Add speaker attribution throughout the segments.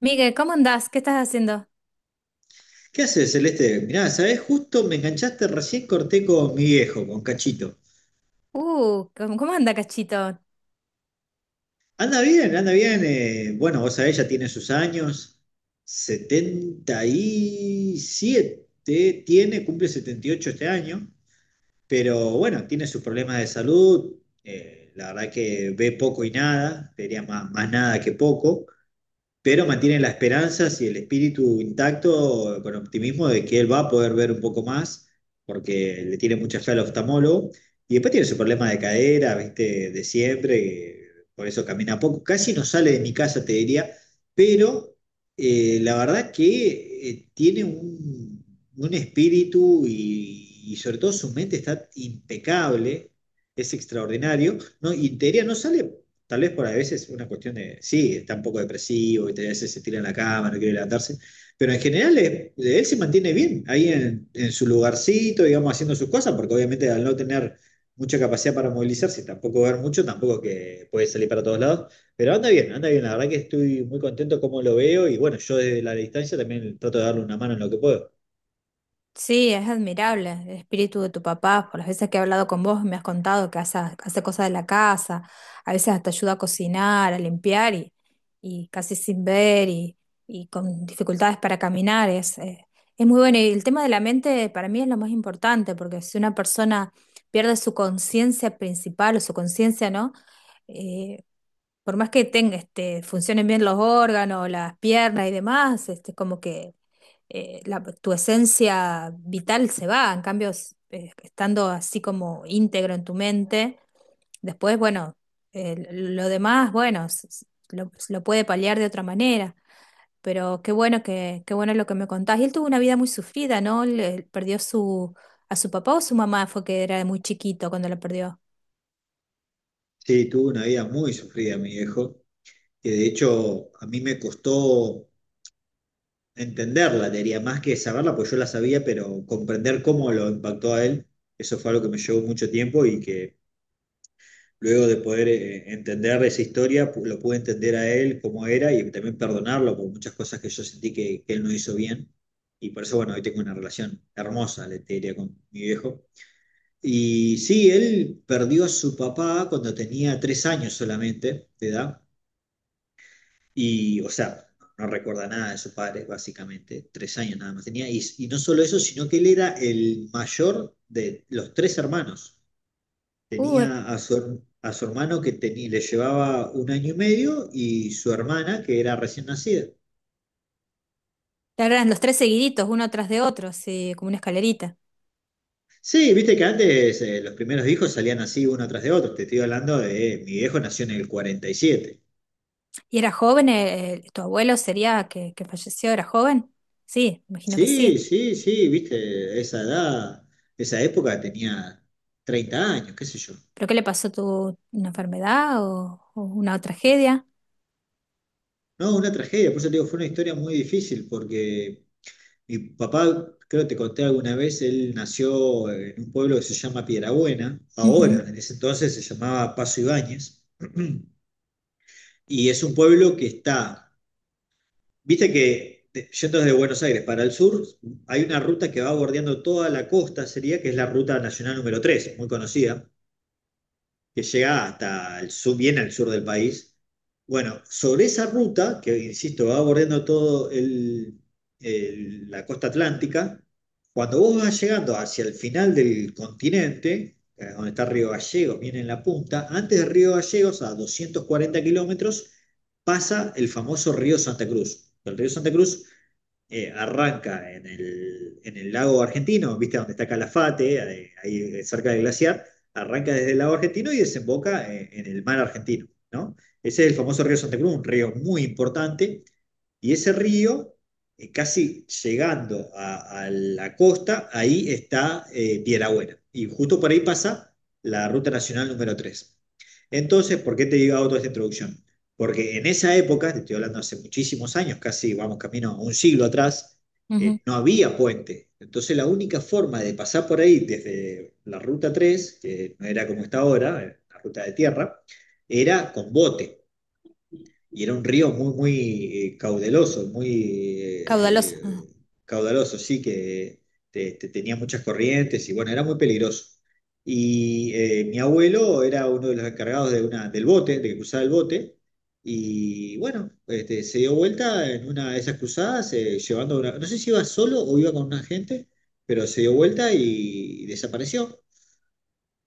Speaker 1: Miguel, ¿cómo andás? ¿Qué estás haciendo?
Speaker 2: ¿Qué haces, Celeste? Mirá, ¿sabés? Justo me enganchaste, recién corté con mi viejo, con Cachito.
Speaker 1: ¿Cómo anda, Cachito?
Speaker 2: Anda bien, anda bien. Bueno, vos sabés, ya tiene sus años. 77 tiene, cumple 78 este año. Pero bueno, tiene sus problemas de salud. La verdad que ve poco y nada, diría más nada que poco. Pero mantienen la esperanza y el espíritu intacto, con optimismo de que él va a poder ver un poco más, porque le tiene mucha fe al oftalmólogo. Y después tiene su problema de cadera, viste, de siempre, que por eso camina poco. Casi no sale de mi casa, te diría, pero la verdad que tiene un espíritu y sobre todo su mente está impecable, es extraordinario, ¿no? Y te diría, no sale. Tal vez por a veces una cuestión de, sí, está un poco depresivo, y a veces se tira en la cama, no quiere levantarse, pero en general él se mantiene bien ahí en su lugarcito, digamos, haciendo sus cosas, porque obviamente al no tener mucha capacidad para movilizarse, tampoco ver mucho, tampoco que puede salir para todos lados, pero anda bien, la verdad que estoy muy contento como lo veo y bueno, yo desde la distancia también trato de darle una mano en lo que puedo.
Speaker 1: Sí, es admirable el espíritu de tu papá. Por las veces que he hablado con vos, me has contado que hace cosas de la casa, a veces hasta ayuda a cocinar, a limpiar y casi sin ver y con dificultades para caminar. Es muy bueno. Y el tema de la mente para mí es lo más importante, porque si una persona pierde su conciencia principal o su conciencia, ¿no? Eh, por más que tenga, este, funcionen bien los órganos, las piernas y demás, este, como que tu esencia vital se va, en cambio, estando así como íntegro en tu mente, después, bueno, lo demás, bueno, lo puede paliar de otra manera, pero qué bueno que, qué bueno lo que me contás. Y él tuvo una vida muy sufrida, ¿no? Perdió su, a su papá o su mamá fue que era muy chiquito cuando lo perdió.
Speaker 2: Sí, tuvo una vida muy sufrida mi viejo, que de hecho a mí me costó entenderla, te diría, más que saberla, pues yo la sabía, pero comprender cómo lo impactó a él, eso fue algo que me llevó mucho tiempo y que luego de poder entender esa historia, lo pude entender a él cómo era y también perdonarlo por muchas cosas que yo sentí que él no hizo bien. Y por eso, bueno, hoy tengo una relación hermosa, le te diría, con mi viejo. Y sí, él perdió a su papá cuando tenía tres años solamente de edad y, o sea, no recuerda nada de su padre, básicamente. Tres años nada más tenía. Y no solo eso, sino que él era el mayor de los tres hermanos.
Speaker 1: Uh,
Speaker 2: Tenía a su hermano que tenía le llevaba un año y medio y su hermana que era recién nacida.
Speaker 1: Claro, eran los tres seguiditos, uno tras de otro, sí, como una escalerita.
Speaker 2: Sí, viste que antes los primeros hijos salían así uno tras de otro. Te estoy hablando de mi viejo nació en el 47.
Speaker 1: ¿Y era joven? ¿Tu abuelo sería que falleció? ¿Era joven? Sí, imagino que
Speaker 2: Sí,
Speaker 1: sí.
Speaker 2: sí, sí, viste, esa edad, esa época tenía 30 años, qué sé yo.
Speaker 1: ¿Pero qué le pasó? ¿Tu, una enfermedad o una tragedia?
Speaker 2: No, una tragedia, por eso te digo, fue una historia muy difícil, porque mi papá, creo que te conté alguna vez, él nació en un pueblo que se llama Piedrabuena,
Speaker 1: Ujú,
Speaker 2: ahora, en ese entonces se llamaba Paso Ibáñez, y es un pueblo que está, viste que, yendo desde Buenos Aires para el sur, hay una ruta que va bordeando toda la costa, sería que es la ruta nacional número 3, muy conocida, que llega hasta el sur, bien al sur del país. Bueno, sobre esa ruta, que insisto, va bordeando todo la costa atlántica, cuando vos vas llegando hacia el final del continente, donde está Río Gallegos, viene en la punta, antes de Río Gallegos, a 240 kilómetros, pasa el famoso río Santa Cruz. El río Santa Cruz arranca en el lago argentino, ¿viste? Donde está Calafate, ahí, cerca del glaciar, arranca desde el lago argentino y desemboca en el mar argentino, ¿no? Ese es el famoso río Santa Cruz, un río muy importante, y ese río, casi llegando a la costa, ahí está, Buena, y justo por ahí pasa la ruta nacional número tres. Entonces, ¿por qué te digo toda esta introducción? Porque en esa época, te estoy hablando hace muchísimos años, casi vamos camino a un siglo atrás,
Speaker 1: ujú.
Speaker 2: no había puente. Entonces la única forma de pasar por ahí desde la ruta 3, que no era como está ahora, la ruta de tierra, era con bote y era un río muy, muy, caudaloso, muy,
Speaker 1: Caudaloso.
Speaker 2: eh,
Speaker 1: Ah,
Speaker 2: eh, caudaloso, sí, que tenía muchas corrientes y bueno, era muy peligroso. Y mi abuelo era uno de los encargados del bote, de que cruzaba el bote, y bueno, este, se dio vuelta en una de esas cruzadas, llevando una, no sé si iba solo o iba con una gente, pero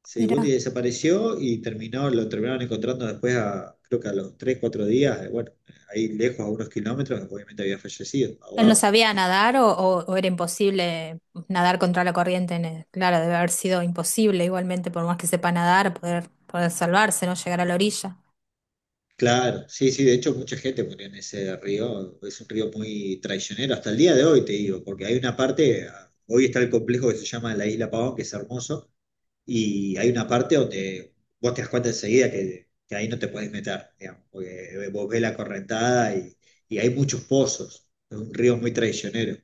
Speaker 2: se dio vuelta
Speaker 1: mira,
Speaker 2: y desapareció y lo terminaron encontrando después creo que a los 3 4 días, bueno, ahí lejos, a unos kilómetros, obviamente había fallecido,
Speaker 1: ¿él no
Speaker 2: ahogado.
Speaker 1: sabía nadar o, o era imposible nadar contra la corriente? Claro, debe haber sido imposible igualmente, por más que sepa nadar, poder, poder salvarse, no llegar a la orilla.
Speaker 2: Claro, sí, sí, de hecho mucha gente murió en ese río, es un río muy traicionero, hasta el día de hoy te digo, porque hay una parte, ah, hoy está el complejo que se llama la Isla Pavón, que es hermoso. Y hay una parte donde vos te das cuenta enseguida que ahí no te puedes meter, digamos, porque vos ves la correntada y hay muchos pozos, es un río muy traicionero.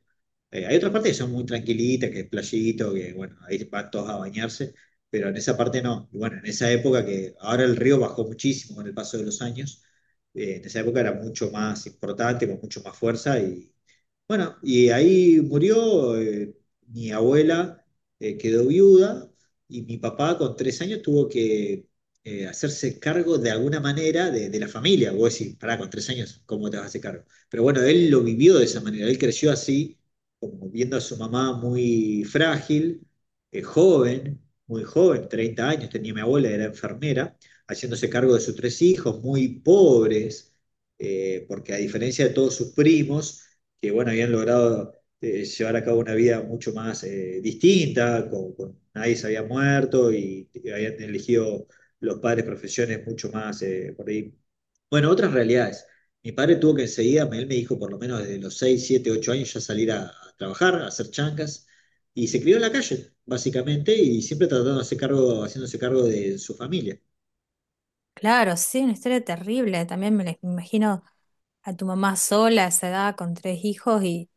Speaker 2: Hay otras partes que son muy tranquilitas, que es playito, que bueno, ahí van todos a bañarse, pero en esa parte no. Y bueno, en esa época que ahora el río bajó muchísimo con el paso de los años, en esa época era mucho más importante, con mucho más fuerza y bueno, y ahí murió, mi abuela, quedó viuda y mi papá con tres años tuvo que hacerse cargo de alguna manera de la familia. Vos decís, pará, con tres años, ¿cómo te vas a hacer cargo? Pero bueno, él lo vivió de esa manera, él creció así, como viendo a su mamá muy frágil, joven, muy joven, 30 años, tenía mi abuela, era enfermera, haciéndose cargo de sus tres hijos, muy pobres, porque a diferencia de todos sus primos, que bueno, habían logrado llevar a cabo una vida mucho más distinta, nadie se había muerto habían elegido los padres profesiones mucho más, por ahí. Bueno, otras realidades. Mi padre tuvo que enseguida, él me dijo por lo menos desde los 6 7 8 años ya salir a trabajar, a hacer chancas, y se crió en la calle, básicamente, y siempre tratando de hacer cargo, haciéndose cargo de su familia,
Speaker 1: Claro, sí, una historia terrible. También me la imagino a tu mamá sola a esa edad con tres hijos y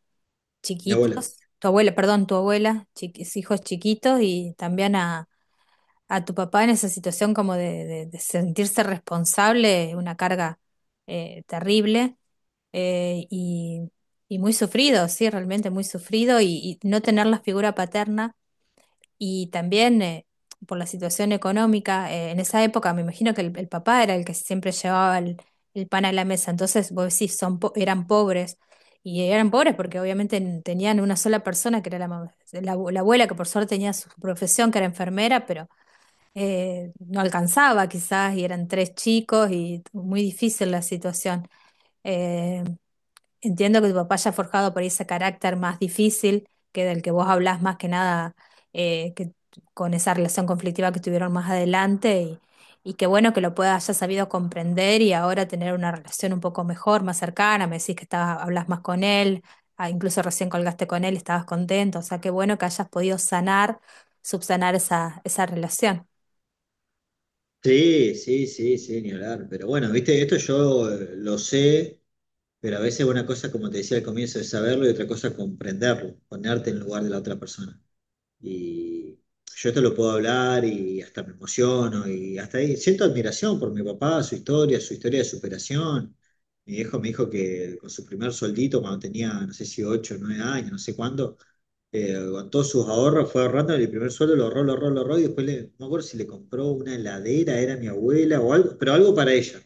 Speaker 2: mi abuela.
Speaker 1: chiquitos, tu abuela, perdón, tu abuela, hijos chiquitos y también a tu papá en esa situación como de, de sentirse responsable, una carga terrible eh, y, y muy sufrido, sí, realmente muy sufrido y no tener la figura paterna. Y también por la situación económica, en esa época me imagino que el papá era el que siempre llevaba el pan a la mesa, entonces vos decís, eran pobres, y eran pobres porque obviamente tenían una sola persona que era la, la, la abuela, que por suerte tenía su profesión, que era enfermera, pero no alcanzaba quizás, y eran tres chicos, y muy difícil la situación. Eh, Entiendo que tu papá haya forjado por ahí ese carácter más difícil que del que vos hablás más que nada que con esa relación conflictiva que tuvieron más adelante y qué bueno que lo puedas haya sabido comprender y ahora tener una relación un poco mejor, más cercana, me decís que estabas, hablas más con él, ah, incluso recién colgaste con él, y estabas contento, o sea, qué bueno que hayas podido sanar, subsanar esa, esa relación.
Speaker 2: Sí, sí, sí, sí, ni hablar. Pero bueno, viste, esto yo, lo sé. Pero a veces una cosa, como te decía al comienzo, es saberlo y otra cosa comprenderlo, ponerte en el lugar de la otra persona. Y yo esto lo puedo hablar y hasta me emociono y hasta ahí siento admiración por mi papá, su historia de superación. Mi viejo me dijo que con su primer soldito cuando tenía, no sé si 8 o 9 años, no sé cuándo, con todos sus ahorros, fue ahorrando el primer sueldo, lo ahorró, lo ahorró, lo ahorró, y después no me acuerdo si le compró una heladera, era mi abuela o algo, pero algo para ella,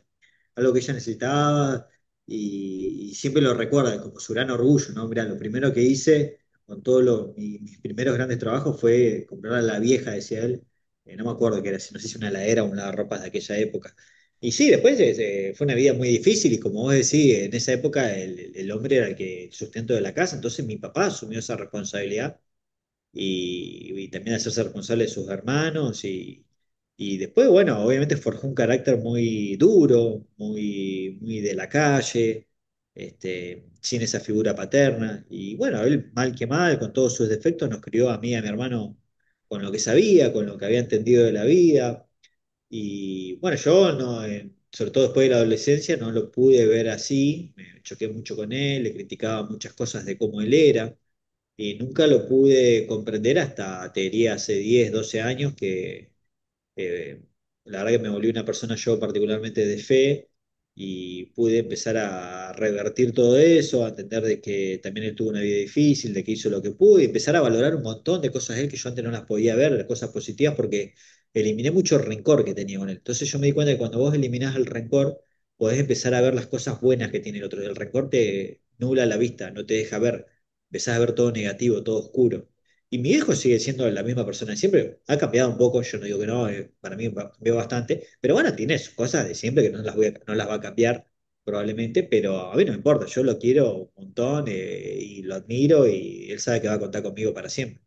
Speaker 2: algo que ella necesitaba, y siempre lo recuerda como su gran orgullo, ¿no? Mirá, lo primero que hice con todos mis primeros grandes trabajos fue comprar a la vieja, decía él, no me acuerdo qué era, si no sé si una heladera o un lavarropas de aquella época. Y sí, después, fue una vida muy difícil y como vos decís, en esa época el hombre era el que el sustento de la casa, entonces mi papá asumió esa responsabilidad y también hacerse responsable de sus hermanos y después, bueno, obviamente forjó un carácter muy duro, muy, muy de la calle, este, sin esa figura paterna y bueno, él mal que mal, con todos sus defectos, nos crió a mí y a mi hermano con lo que sabía, con lo que había entendido de la vida y bueno, yo no, sobre todo después de la adolescencia, no lo pude ver así, me choqué mucho con él, le criticaba muchas cosas de cómo él era, y nunca lo pude comprender hasta, te diría, hace 10 12 años que eh, la verdad que me volví una persona yo particularmente de fe y pude empezar a revertir todo eso, a entender de que también él tuvo una vida difícil, de que hizo lo que pudo y empezar a valorar un montón de cosas de él que yo antes no las podía ver, las cosas positivas, porque eliminé mucho rencor que tenía con él. Entonces yo me di cuenta que cuando vos eliminás el rencor, podés empezar a ver las cosas buenas que tiene el otro. El rencor te nubla la vista, no te deja ver, empezás a ver todo negativo, todo oscuro. Y mi viejo sigue siendo la misma persona de siempre. Ha cambiado un poco, yo no digo que no, para mí cambió bastante. Pero bueno, tiene sus cosas de siempre que no las, no las va a cambiar probablemente, pero a mí no me importa. Yo lo quiero un montón, y lo admiro y él sabe que va a contar conmigo para siempre.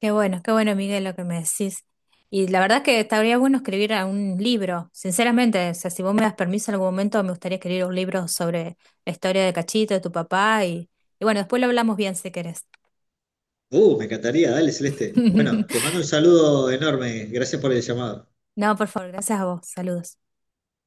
Speaker 1: Qué bueno, Miguel, lo que me decís. Y la verdad que estaría bueno escribir a un libro, sinceramente. O sea, si vos me das permiso en algún momento, me gustaría escribir un libro sobre la historia de Cachito, de tu papá. Y bueno, después lo hablamos bien si querés.
Speaker 2: Me encantaría, dale, Celeste. Bueno, te mando un saludo enorme. Gracias por el llamado.
Speaker 1: No, por favor, gracias a vos. Saludos.